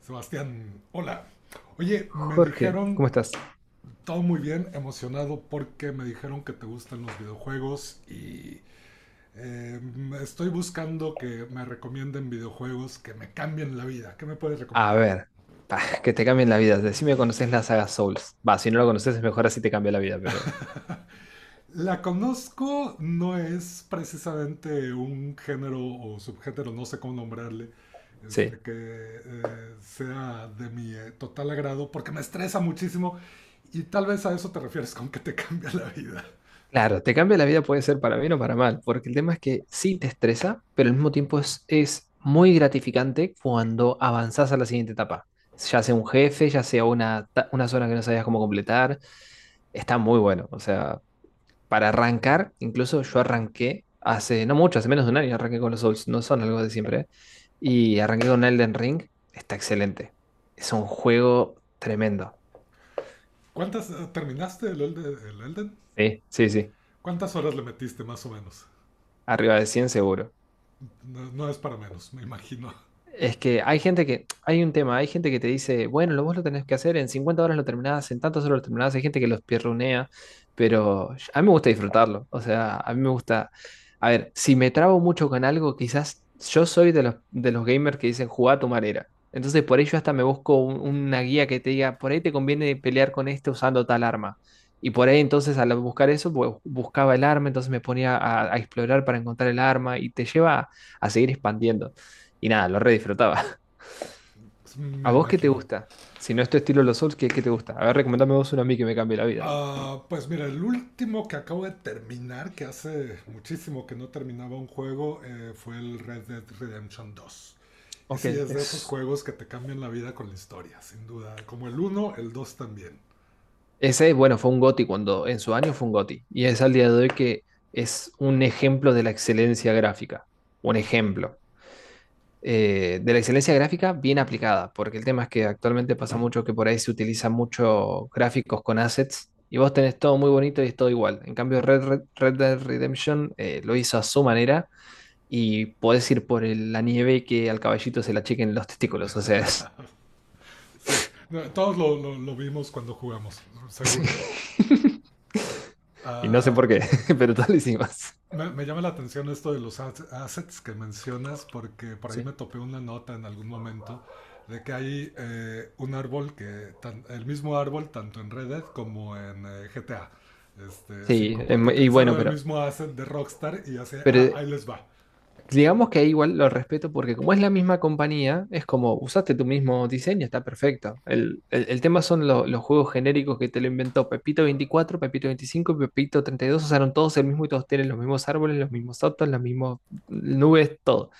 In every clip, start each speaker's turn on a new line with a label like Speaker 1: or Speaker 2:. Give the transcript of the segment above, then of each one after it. Speaker 1: Sebastián, hola. Oye, me
Speaker 2: Jorge,
Speaker 1: dijeron
Speaker 2: ¿cómo estás?
Speaker 1: todo muy bien, emocionado porque me dijeron que te gustan los videojuegos y eh, estoy buscando que me recomienden videojuegos que me cambien la vida. ¿Qué me puedes
Speaker 2: A
Speaker 1: recomendar?
Speaker 2: ver, pa, que te cambien la vida. Decime, ¿conoces la saga Souls? Va, si no la conoces es mejor así te cambia la vida, pero
Speaker 1: La conozco, no es precisamente un género o subgénero, no sé cómo nombrarle,
Speaker 2: sí.
Speaker 1: que sea de mi total agrado porque me estresa muchísimo y tal vez a eso te refieres con que te cambia la vida.
Speaker 2: Claro, te cambia la vida puede ser para bien o para mal, porque el tema es que sí te estresa, pero al mismo tiempo es muy gratificante cuando avanzás a la siguiente etapa. Ya sea un jefe, ya sea una, una zona que no sabías cómo completar. Está muy bueno, o sea, para arrancar, incluso yo arranqué hace, no mucho, hace menos de un año arranqué con los Souls, no son algo de siempre, ¿eh? Y arranqué con Elden Ring, está excelente. Es un juego tremendo.
Speaker 1: ¿Cuántas terminaste el Elden?
Speaker 2: Sí, sí, sí.
Speaker 1: ¿Cuántas horas le metiste más o menos?
Speaker 2: Arriba de 100 seguro.
Speaker 1: No, no es para menos, me imagino.
Speaker 2: Es que hay gente que, hay un tema, hay gente que te dice, bueno, lo vos lo tenés que hacer, en 50 horas lo terminás, en tantas horas lo terminás, hay gente que los pierronea, pero a mí me gusta disfrutarlo, o sea, a mí me gusta, a ver, si me trabo mucho con algo, quizás yo soy de los gamers que dicen, jugá a tu manera, entonces por ello hasta me busco una guía que te diga, por ahí te conviene pelear con este usando tal arma, y por ahí entonces al buscar eso, buscaba el arma, entonces me ponía a explorar para encontrar el arma, y te lleva a seguir expandiendo. Y nada, lo re disfrutaba.
Speaker 1: Me
Speaker 2: ¿A vos qué te
Speaker 1: imagino.
Speaker 2: gusta? Si no es tu estilo los Souls, ¿qué, qué te gusta? A ver, recomendame vos uno a mí que me cambie la vida.
Speaker 1: Ah, pues mira, el último que acabo de terminar, que hace muchísimo que no terminaba un juego, fue el Red Dead Redemption dos. Y
Speaker 2: Ok,
Speaker 1: sí, es de esos
Speaker 2: es...
Speaker 1: juegos que te cambian la vida con la historia, sin duda. Como el uno, el dos también.
Speaker 2: Ese, bueno, fue un GOTY cuando en su año fue un GOTY. Y es al día de hoy que es un ejemplo de la excelencia gráfica. Un ejemplo de la excelencia gráfica bien aplicada, porque el tema es que actualmente pasa mucho que por ahí se utilizan muchos gráficos con assets y vos tenés todo muy bonito y es todo igual. En cambio, Red Dead Redemption lo hizo a su manera y podés ir por la nieve y que al caballito se la chequen los testículos, o sea, es-
Speaker 1: Sí, no, todos lo vimos cuando jugamos, seguro.
Speaker 2: y no sé
Speaker 1: Ah,
Speaker 2: por qué, pero tal hicimos.
Speaker 1: Me, me llama la atención esto de los assets que mencionas porque por ahí
Speaker 2: Sí,
Speaker 1: me topé una nota en algún momento de que hay un árbol que, el mismo árbol tanto en Red Dead como en GTA
Speaker 2: sí,
Speaker 1: 5, porque
Speaker 2: y
Speaker 1: utilizaron
Speaker 2: bueno,
Speaker 1: el mismo asset de Rockstar y hace, ah,
Speaker 2: pero
Speaker 1: ahí les va.
Speaker 2: digamos que ahí igual lo respeto porque como es la misma compañía, es como usaste tu mismo diseño, está perfecto. El, el tema son los juegos genéricos que te lo inventó Pepito 24 Pepito 25 y Pepito 32 usaron todos el mismo y todos tienen los mismos árboles, los mismos autos, las mismas nubes, todo.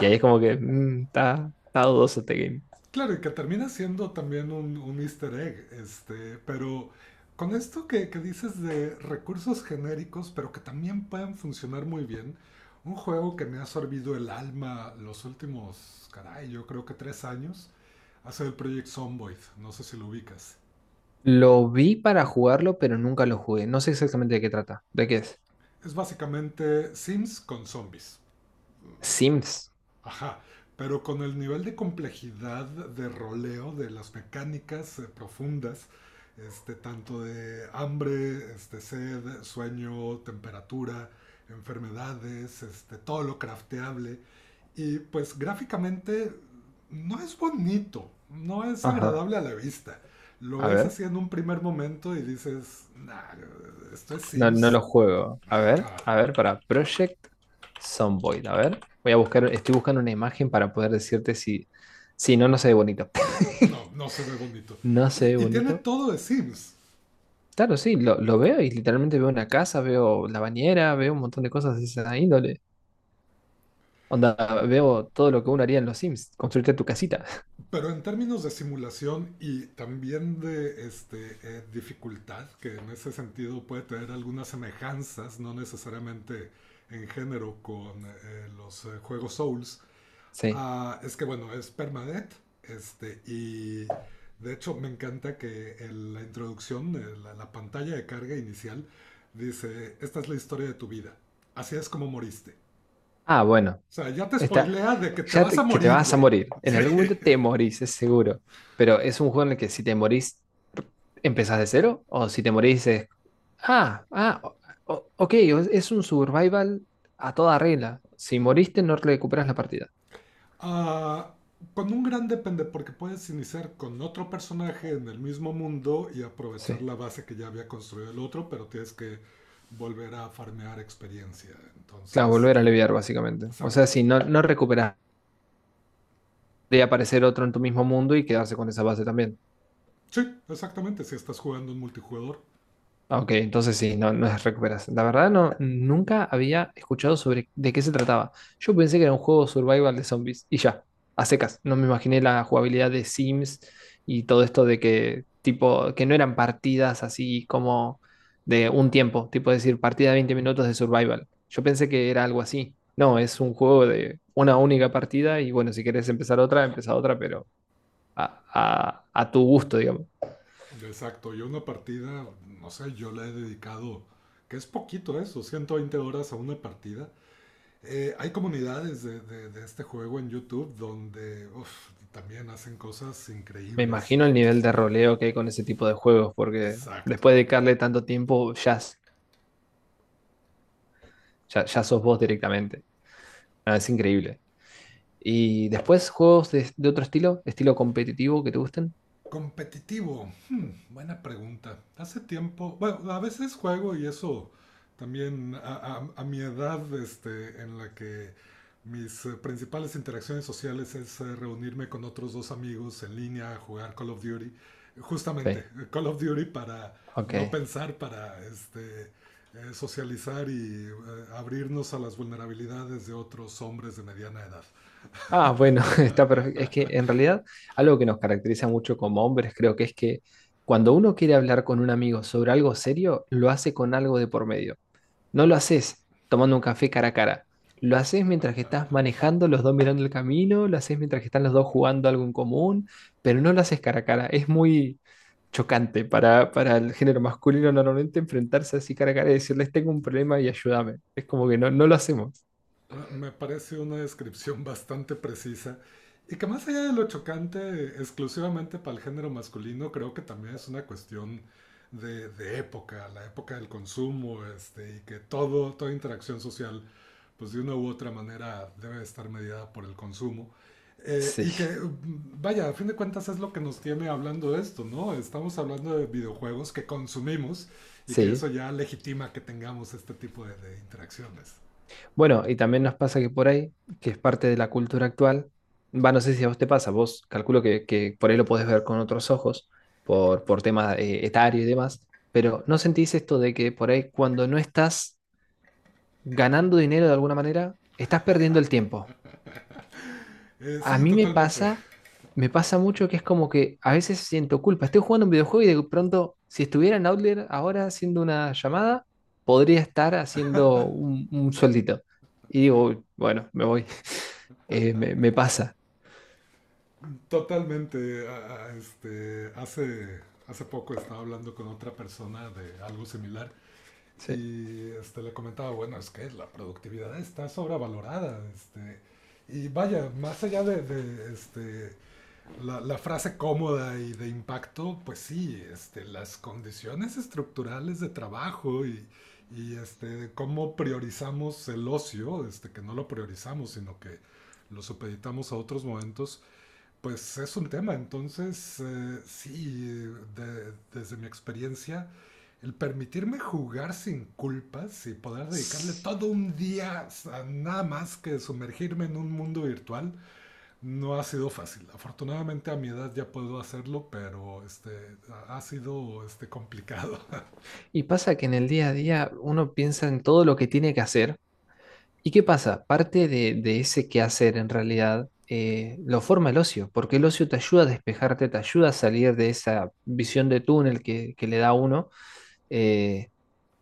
Speaker 2: Y ahí es como que está, está dudoso este game.
Speaker 1: Claro, y que termina siendo también un easter egg, pero con esto que dices de recursos genéricos, pero que también pueden funcionar muy bien, un juego que me ha sorbido el alma los últimos, caray, yo creo que 3 años, ha sido el Project Zomboid, no sé si lo ubicas.
Speaker 2: Lo vi para jugarlo, pero nunca lo jugué. No sé exactamente de qué trata. ¿De qué es?
Speaker 1: Es básicamente Sims con zombies.
Speaker 2: Sims.
Speaker 1: Ajá, pero con el nivel de complejidad de roleo, de las mecánicas profundas, tanto de hambre, sed, sueño, temperatura, enfermedades, todo lo crafteable. Y pues gráficamente no es bonito, no es
Speaker 2: Ajá.
Speaker 1: agradable a la vista. Lo
Speaker 2: A
Speaker 1: es
Speaker 2: ver.
Speaker 1: así en un primer momento y dices, nah, esto es
Speaker 2: No, no
Speaker 1: Sims.
Speaker 2: lo juego.
Speaker 1: Ajá,
Speaker 2: A ver, para Project Zomboid. A ver. Voy a buscar, estoy buscando una imagen para poder decirte si, si no, no se ve bonito.
Speaker 1: no, no se ve bonito.
Speaker 2: No se ve
Speaker 1: Y tiene
Speaker 2: bonito.
Speaker 1: todo de Sims.
Speaker 2: Claro, sí, lo veo y literalmente veo una casa, veo la bañera, veo un montón de cosas de esa índole. Onda, veo todo lo que uno haría en los Sims, construirte tu casita.
Speaker 1: Pero en términos de simulación y también de dificultad, que en ese sentido puede tener algunas semejanzas, no necesariamente en género con los juegos Souls,
Speaker 2: Sí.
Speaker 1: ah, es que bueno, es permadeath, y de hecho me encanta que en la introducción, la pantalla de carga inicial, dice, esta es la historia de tu vida, así es como moriste.
Speaker 2: Ah, bueno,
Speaker 1: O sea, ya te
Speaker 2: está,
Speaker 1: spoilea de que te vas a
Speaker 2: que te
Speaker 1: morir,
Speaker 2: vas a
Speaker 1: güey.
Speaker 2: morir. En algún
Speaker 1: Sí.
Speaker 2: momento te morís, es seguro. Pero es un juego en el que si te morís, empezás de cero. O si te morís, es. Ah, ah, ok, es un survival a toda regla. Si moriste, no recuperas la partida.
Speaker 1: Ah, con un gran depende, porque puedes iniciar con otro personaje en el mismo mundo y aprovechar
Speaker 2: Sí.
Speaker 1: la base que ya había construido el otro, pero tienes que volver a farmear experiencia.
Speaker 2: Claro,
Speaker 1: Entonces,
Speaker 2: volver a leviar, básicamente. O sea,
Speaker 1: exacto.
Speaker 2: si no, no recuperas, podría aparecer otro en tu mismo mundo y quedarse con esa base también.
Speaker 1: Sí, exactamente. Si estás jugando en multijugador,
Speaker 2: Ah, ok, entonces sí, no, no es recuperación. La verdad no, nunca había escuchado sobre de qué se trataba. Yo pensé que era un juego survival de zombies y ya, a secas. No me imaginé la jugabilidad de Sims y todo esto de que tipo que no eran partidas así como de un tiempo, tipo decir partida de 20 minutos de survival. Yo pensé que era algo así. No, es un juego de una única partida y bueno, si querés empezar otra, empezá otra, pero a, a tu gusto, digamos.
Speaker 1: exacto. Yo una partida, no sé, yo le he dedicado, que es poquito eso, 120 horas a una partida. Hay comunidades de este juego en YouTube donde uf, también hacen cosas
Speaker 2: Me
Speaker 1: increíbles.
Speaker 2: imagino el nivel de roleo que hay con ese tipo de juegos, porque
Speaker 1: Exacto.
Speaker 2: después de dedicarle tanto tiempo, ya, s- ya, ya sos vos directamente. Ah, es increíble. ¿Y después juegos de otro estilo? ¿Estilo competitivo que te gusten?
Speaker 1: Competitivo. Buena pregunta. Hace tiempo, bueno, a veces juego y eso también a mi edad, en la que mis principales interacciones sociales es reunirme con otros dos amigos en línea a jugar Call of Duty. Justamente,
Speaker 2: Sí,
Speaker 1: Call of Duty para
Speaker 2: ok.
Speaker 1: no pensar, para socializar y abrirnos a las vulnerabilidades de otros hombres de mediana edad.
Speaker 2: Ah, bueno, está perfecto. Es que en realidad algo que nos caracteriza mucho como hombres creo que es que cuando uno quiere hablar con un amigo sobre algo serio, lo hace con algo de por medio. No lo haces tomando un café cara a cara. Lo haces mientras que estás manejando, los dos mirando el camino, lo haces mientras que están los dos jugando algo en común, pero no lo haces cara a cara. Es muy chocante para el género masculino normalmente enfrentarse así cara a cara y decirles tengo un problema y ayúdame. Es como que no, no lo hacemos.
Speaker 1: Ah, me parece una descripción bastante precisa y que más allá de lo chocante exclusivamente para el género masculino, creo que también es una cuestión de época, la época del consumo, y que toda interacción social, pues de una u otra manera debe estar mediada por el consumo. Eh,
Speaker 2: Sí,
Speaker 1: y que, vaya, a fin de cuentas es lo que nos tiene hablando de esto, ¿no? Estamos hablando de videojuegos que consumimos y que
Speaker 2: sí.
Speaker 1: eso ya legitima que tengamos este tipo de interacciones.
Speaker 2: Bueno, y también nos pasa que por ahí, que es parte de la cultura actual, va, no sé si a vos te pasa, vos calculo que por ahí lo podés ver con otros ojos, por tema etario y demás, pero ¿no sentís esto de que por ahí cuando no estás ganando dinero de alguna manera, estás perdiendo el tiempo? A
Speaker 1: Sí,
Speaker 2: mí me pasa mucho que es como que a veces siento culpa, estoy jugando un videojuego y de pronto, si estuviera en Outlier ahora haciendo una llamada, podría estar haciendo un sueldito. Y digo, "Uy, bueno, me voy me, me pasa.
Speaker 1: totalmente. Hace poco estaba hablando con otra persona de algo similar
Speaker 2: Sí.
Speaker 1: y le comentaba, bueno, es que la productividad está sobrevalorada. Y vaya, más allá de la frase cómoda y de impacto, pues sí, las condiciones estructurales de trabajo y cómo priorizamos el ocio, que no lo priorizamos, sino que lo supeditamos a otros momentos. Pues es un tema, entonces sí, desde mi experiencia, el permitirme jugar sin culpas y poder dedicarle todo un día a nada más que sumergirme en un mundo virtual no ha sido fácil. Afortunadamente a mi edad ya puedo hacerlo, pero este, ha ha sido complicado.
Speaker 2: Y pasa que en el día a día uno piensa en todo lo que tiene que hacer. ¿Y qué pasa? Parte de ese quehacer en realidad lo forma el ocio, porque el ocio te ayuda a despejarte, te ayuda a salir de esa visión de túnel que le da a uno. eh,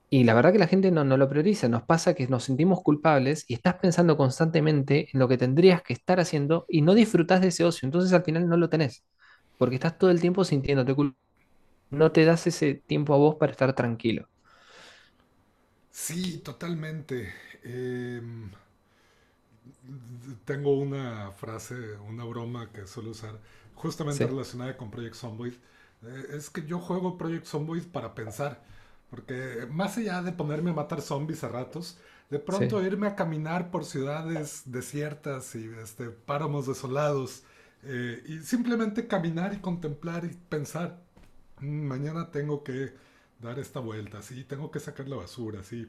Speaker 2: y la verdad que la gente no, no lo prioriza, nos pasa que nos sentimos culpables y estás pensando constantemente en lo que tendrías que estar haciendo y no disfrutás de ese ocio, entonces al final no lo tenés, porque estás todo el tiempo sintiéndote culpable. No te das ese tiempo a vos para estar tranquilo.
Speaker 1: Sí, totalmente. Em, Tengo una frase, una broma que suelo usar, justamente
Speaker 2: Sí,
Speaker 1: relacionada con Project Zomboid. Es que yo juego Project Zomboid para pensar. Porque más allá de ponerme a matar zombies a ratos, de pronto
Speaker 2: sí.
Speaker 1: irme a caminar por ciudades desiertas y páramos desolados. Y simplemente caminar y contemplar y pensar, "Mm, mañana tengo que dar esta vuelta, sí, tengo que sacar la basura, sí".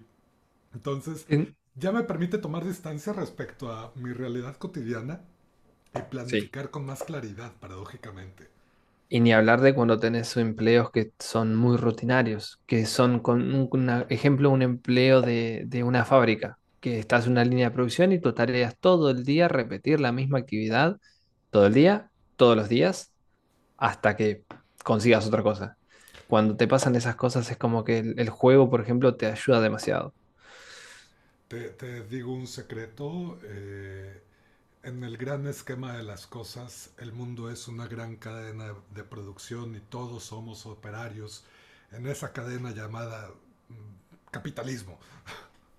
Speaker 1: Entonces,
Speaker 2: En-
Speaker 1: ya me permite tomar distancia respecto a mi realidad cotidiana y
Speaker 2: sí,
Speaker 1: planificar con más claridad, paradójicamente.
Speaker 2: y ni hablar de cuando tenés empleos que son muy rutinarios, que son, con ejemplo, un empleo de una fábrica, que estás en una línea de producción y tu tarea es todo el día repetir la misma actividad, todo el día, todos los días, hasta que consigas otra cosa. Cuando te pasan esas cosas es como que el juego, por ejemplo, te ayuda demasiado.
Speaker 1: Te digo un secreto, en el gran esquema de las cosas, el mundo es una gran cadena de producción y todos somos operarios en esa cadena llamada mm, capitalismo.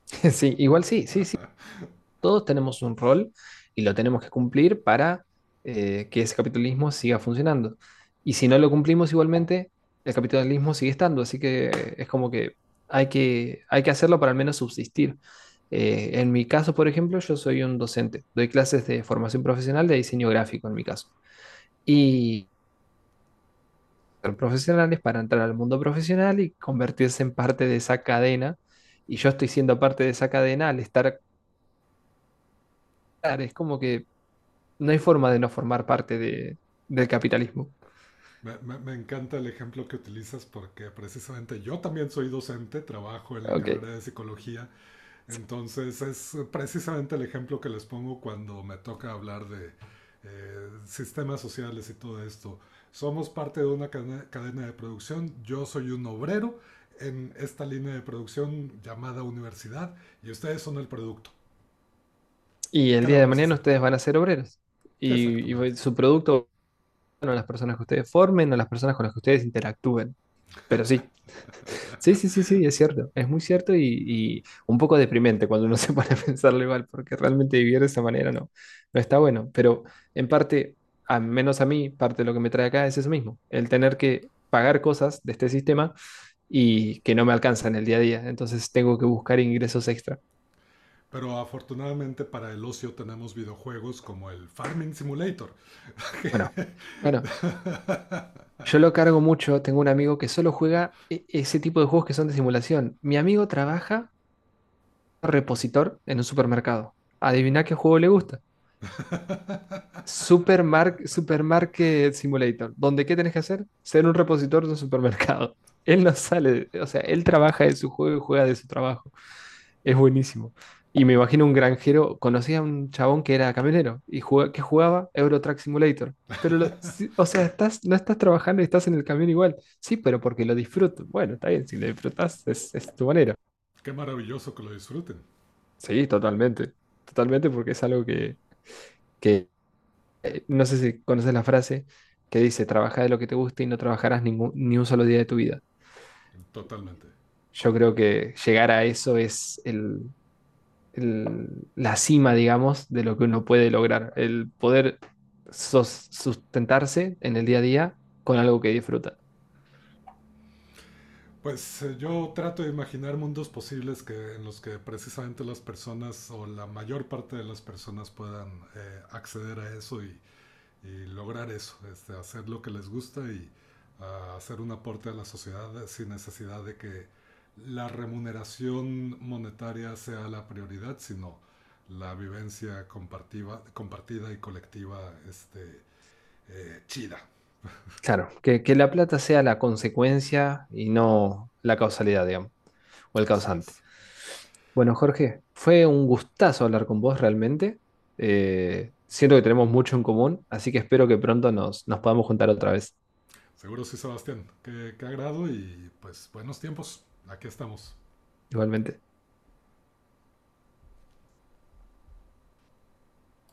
Speaker 2: Sí, igual sí, sí, sí. Todos tenemos un rol y lo tenemos que cumplir para que ese capitalismo siga funcionando. Y si no lo cumplimos igualmente, el capitalismo sigue estando, así que es como que hay que, hay que hacerlo para al menos subsistir. En mi caso, por ejemplo, yo soy un docente, doy clases de formación profesional de diseño gráfico en mi caso. Y ser profesionales para entrar al mundo profesional y convertirse en parte de esa cadena. Y yo estoy siendo parte de esa cadena al estar, es como que no hay forma de no formar parte de, del capitalismo.
Speaker 1: Me encanta el ejemplo que utilizas porque precisamente yo también soy docente, trabajo en la
Speaker 2: Ok.
Speaker 1: carrera de psicología. Entonces es precisamente el ejemplo que les pongo cuando me toca hablar de sistemas sociales y todo esto. Somos parte de una cadena, de producción, yo soy un obrero en esta línea de producción llamada universidad y ustedes son el producto.
Speaker 2: Y el
Speaker 1: ¿Qué le
Speaker 2: día de
Speaker 1: vamos a
Speaker 2: mañana
Speaker 1: hacer?
Speaker 2: ustedes van a ser obreros.
Speaker 1: Exactamente.
Speaker 2: Y su producto van a las personas que ustedes formen, a las personas con las que ustedes interactúen. Pero sí, sí, sí, sí, sí, es cierto. Es muy cierto y un poco deprimente cuando uno se pone a pensarlo igual, porque realmente vivir de esa manera no, no está bueno. Pero en parte, al menos a mí, parte de lo que me trae acá es eso mismo, el tener que pagar cosas de este sistema y que no me alcanza en el día a día. Entonces tengo que buscar ingresos extra.
Speaker 1: Pero afortunadamente para el ocio tenemos videojuegos como el Farming Simulator.
Speaker 2: Bueno, bueno, yo lo cargo mucho. Tengo un amigo que solo juega ese tipo de juegos que son de simulación. Mi amigo trabaja repositor en un supermercado. Adivina qué juego le gusta. Supermarket Simulator. Donde qué tenés que hacer? Ser un repositor de un supermercado. Él no sale, o sea, él trabaja de su juego y juega de su trabajo. Es buenísimo. Y me imagino un granjero, conocí a un chabón que era camionero y jugaba, que jugaba Euro Truck Simulator. Pero, lo- sí, o sea, estás, no estás trabajando y estás en el camión igual. Sí, pero porque lo disfruto. Bueno, está bien, si lo disfrutas es tu manera.
Speaker 1: Qué maravilloso que lo disfruten.
Speaker 2: Sí, totalmente. Totalmente porque es algo que no sé si conoces la frase que dice, trabaja de lo que te guste y no trabajarás ningún, ni un solo día de tu vida.
Speaker 1: Totalmente.
Speaker 2: Yo creo que llegar a eso es el- la cima, digamos, de lo que uno puede lograr, el poder sustentarse en el día a día con algo que disfruta.
Speaker 1: Pues yo trato de imaginar mundos posibles en los que precisamente las personas o la mayor parte de las personas puedan acceder a eso y lograr eso, hacer lo que les gusta y ah, hacer un aporte a la sociedad sin necesidad de que la remuneración monetaria sea la prioridad, sino la vivencia compartida y colectiva chida.
Speaker 2: Claro, que la plata sea la consecuencia y no la causalidad, digamos, o el
Speaker 1: Así
Speaker 2: causante.
Speaker 1: es.
Speaker 2: Bueno, Jorge, fue un gustazo hablar con vos realmente. Siento que tenemos mucho en común, así que espero que pronto nos, nos podamos juntar otra vez,
Speaker 1: Seguro sí, Sebastián. Qué agrado y pues buenos tiempos. Aquí estamos.
Speaker 2: igualmente.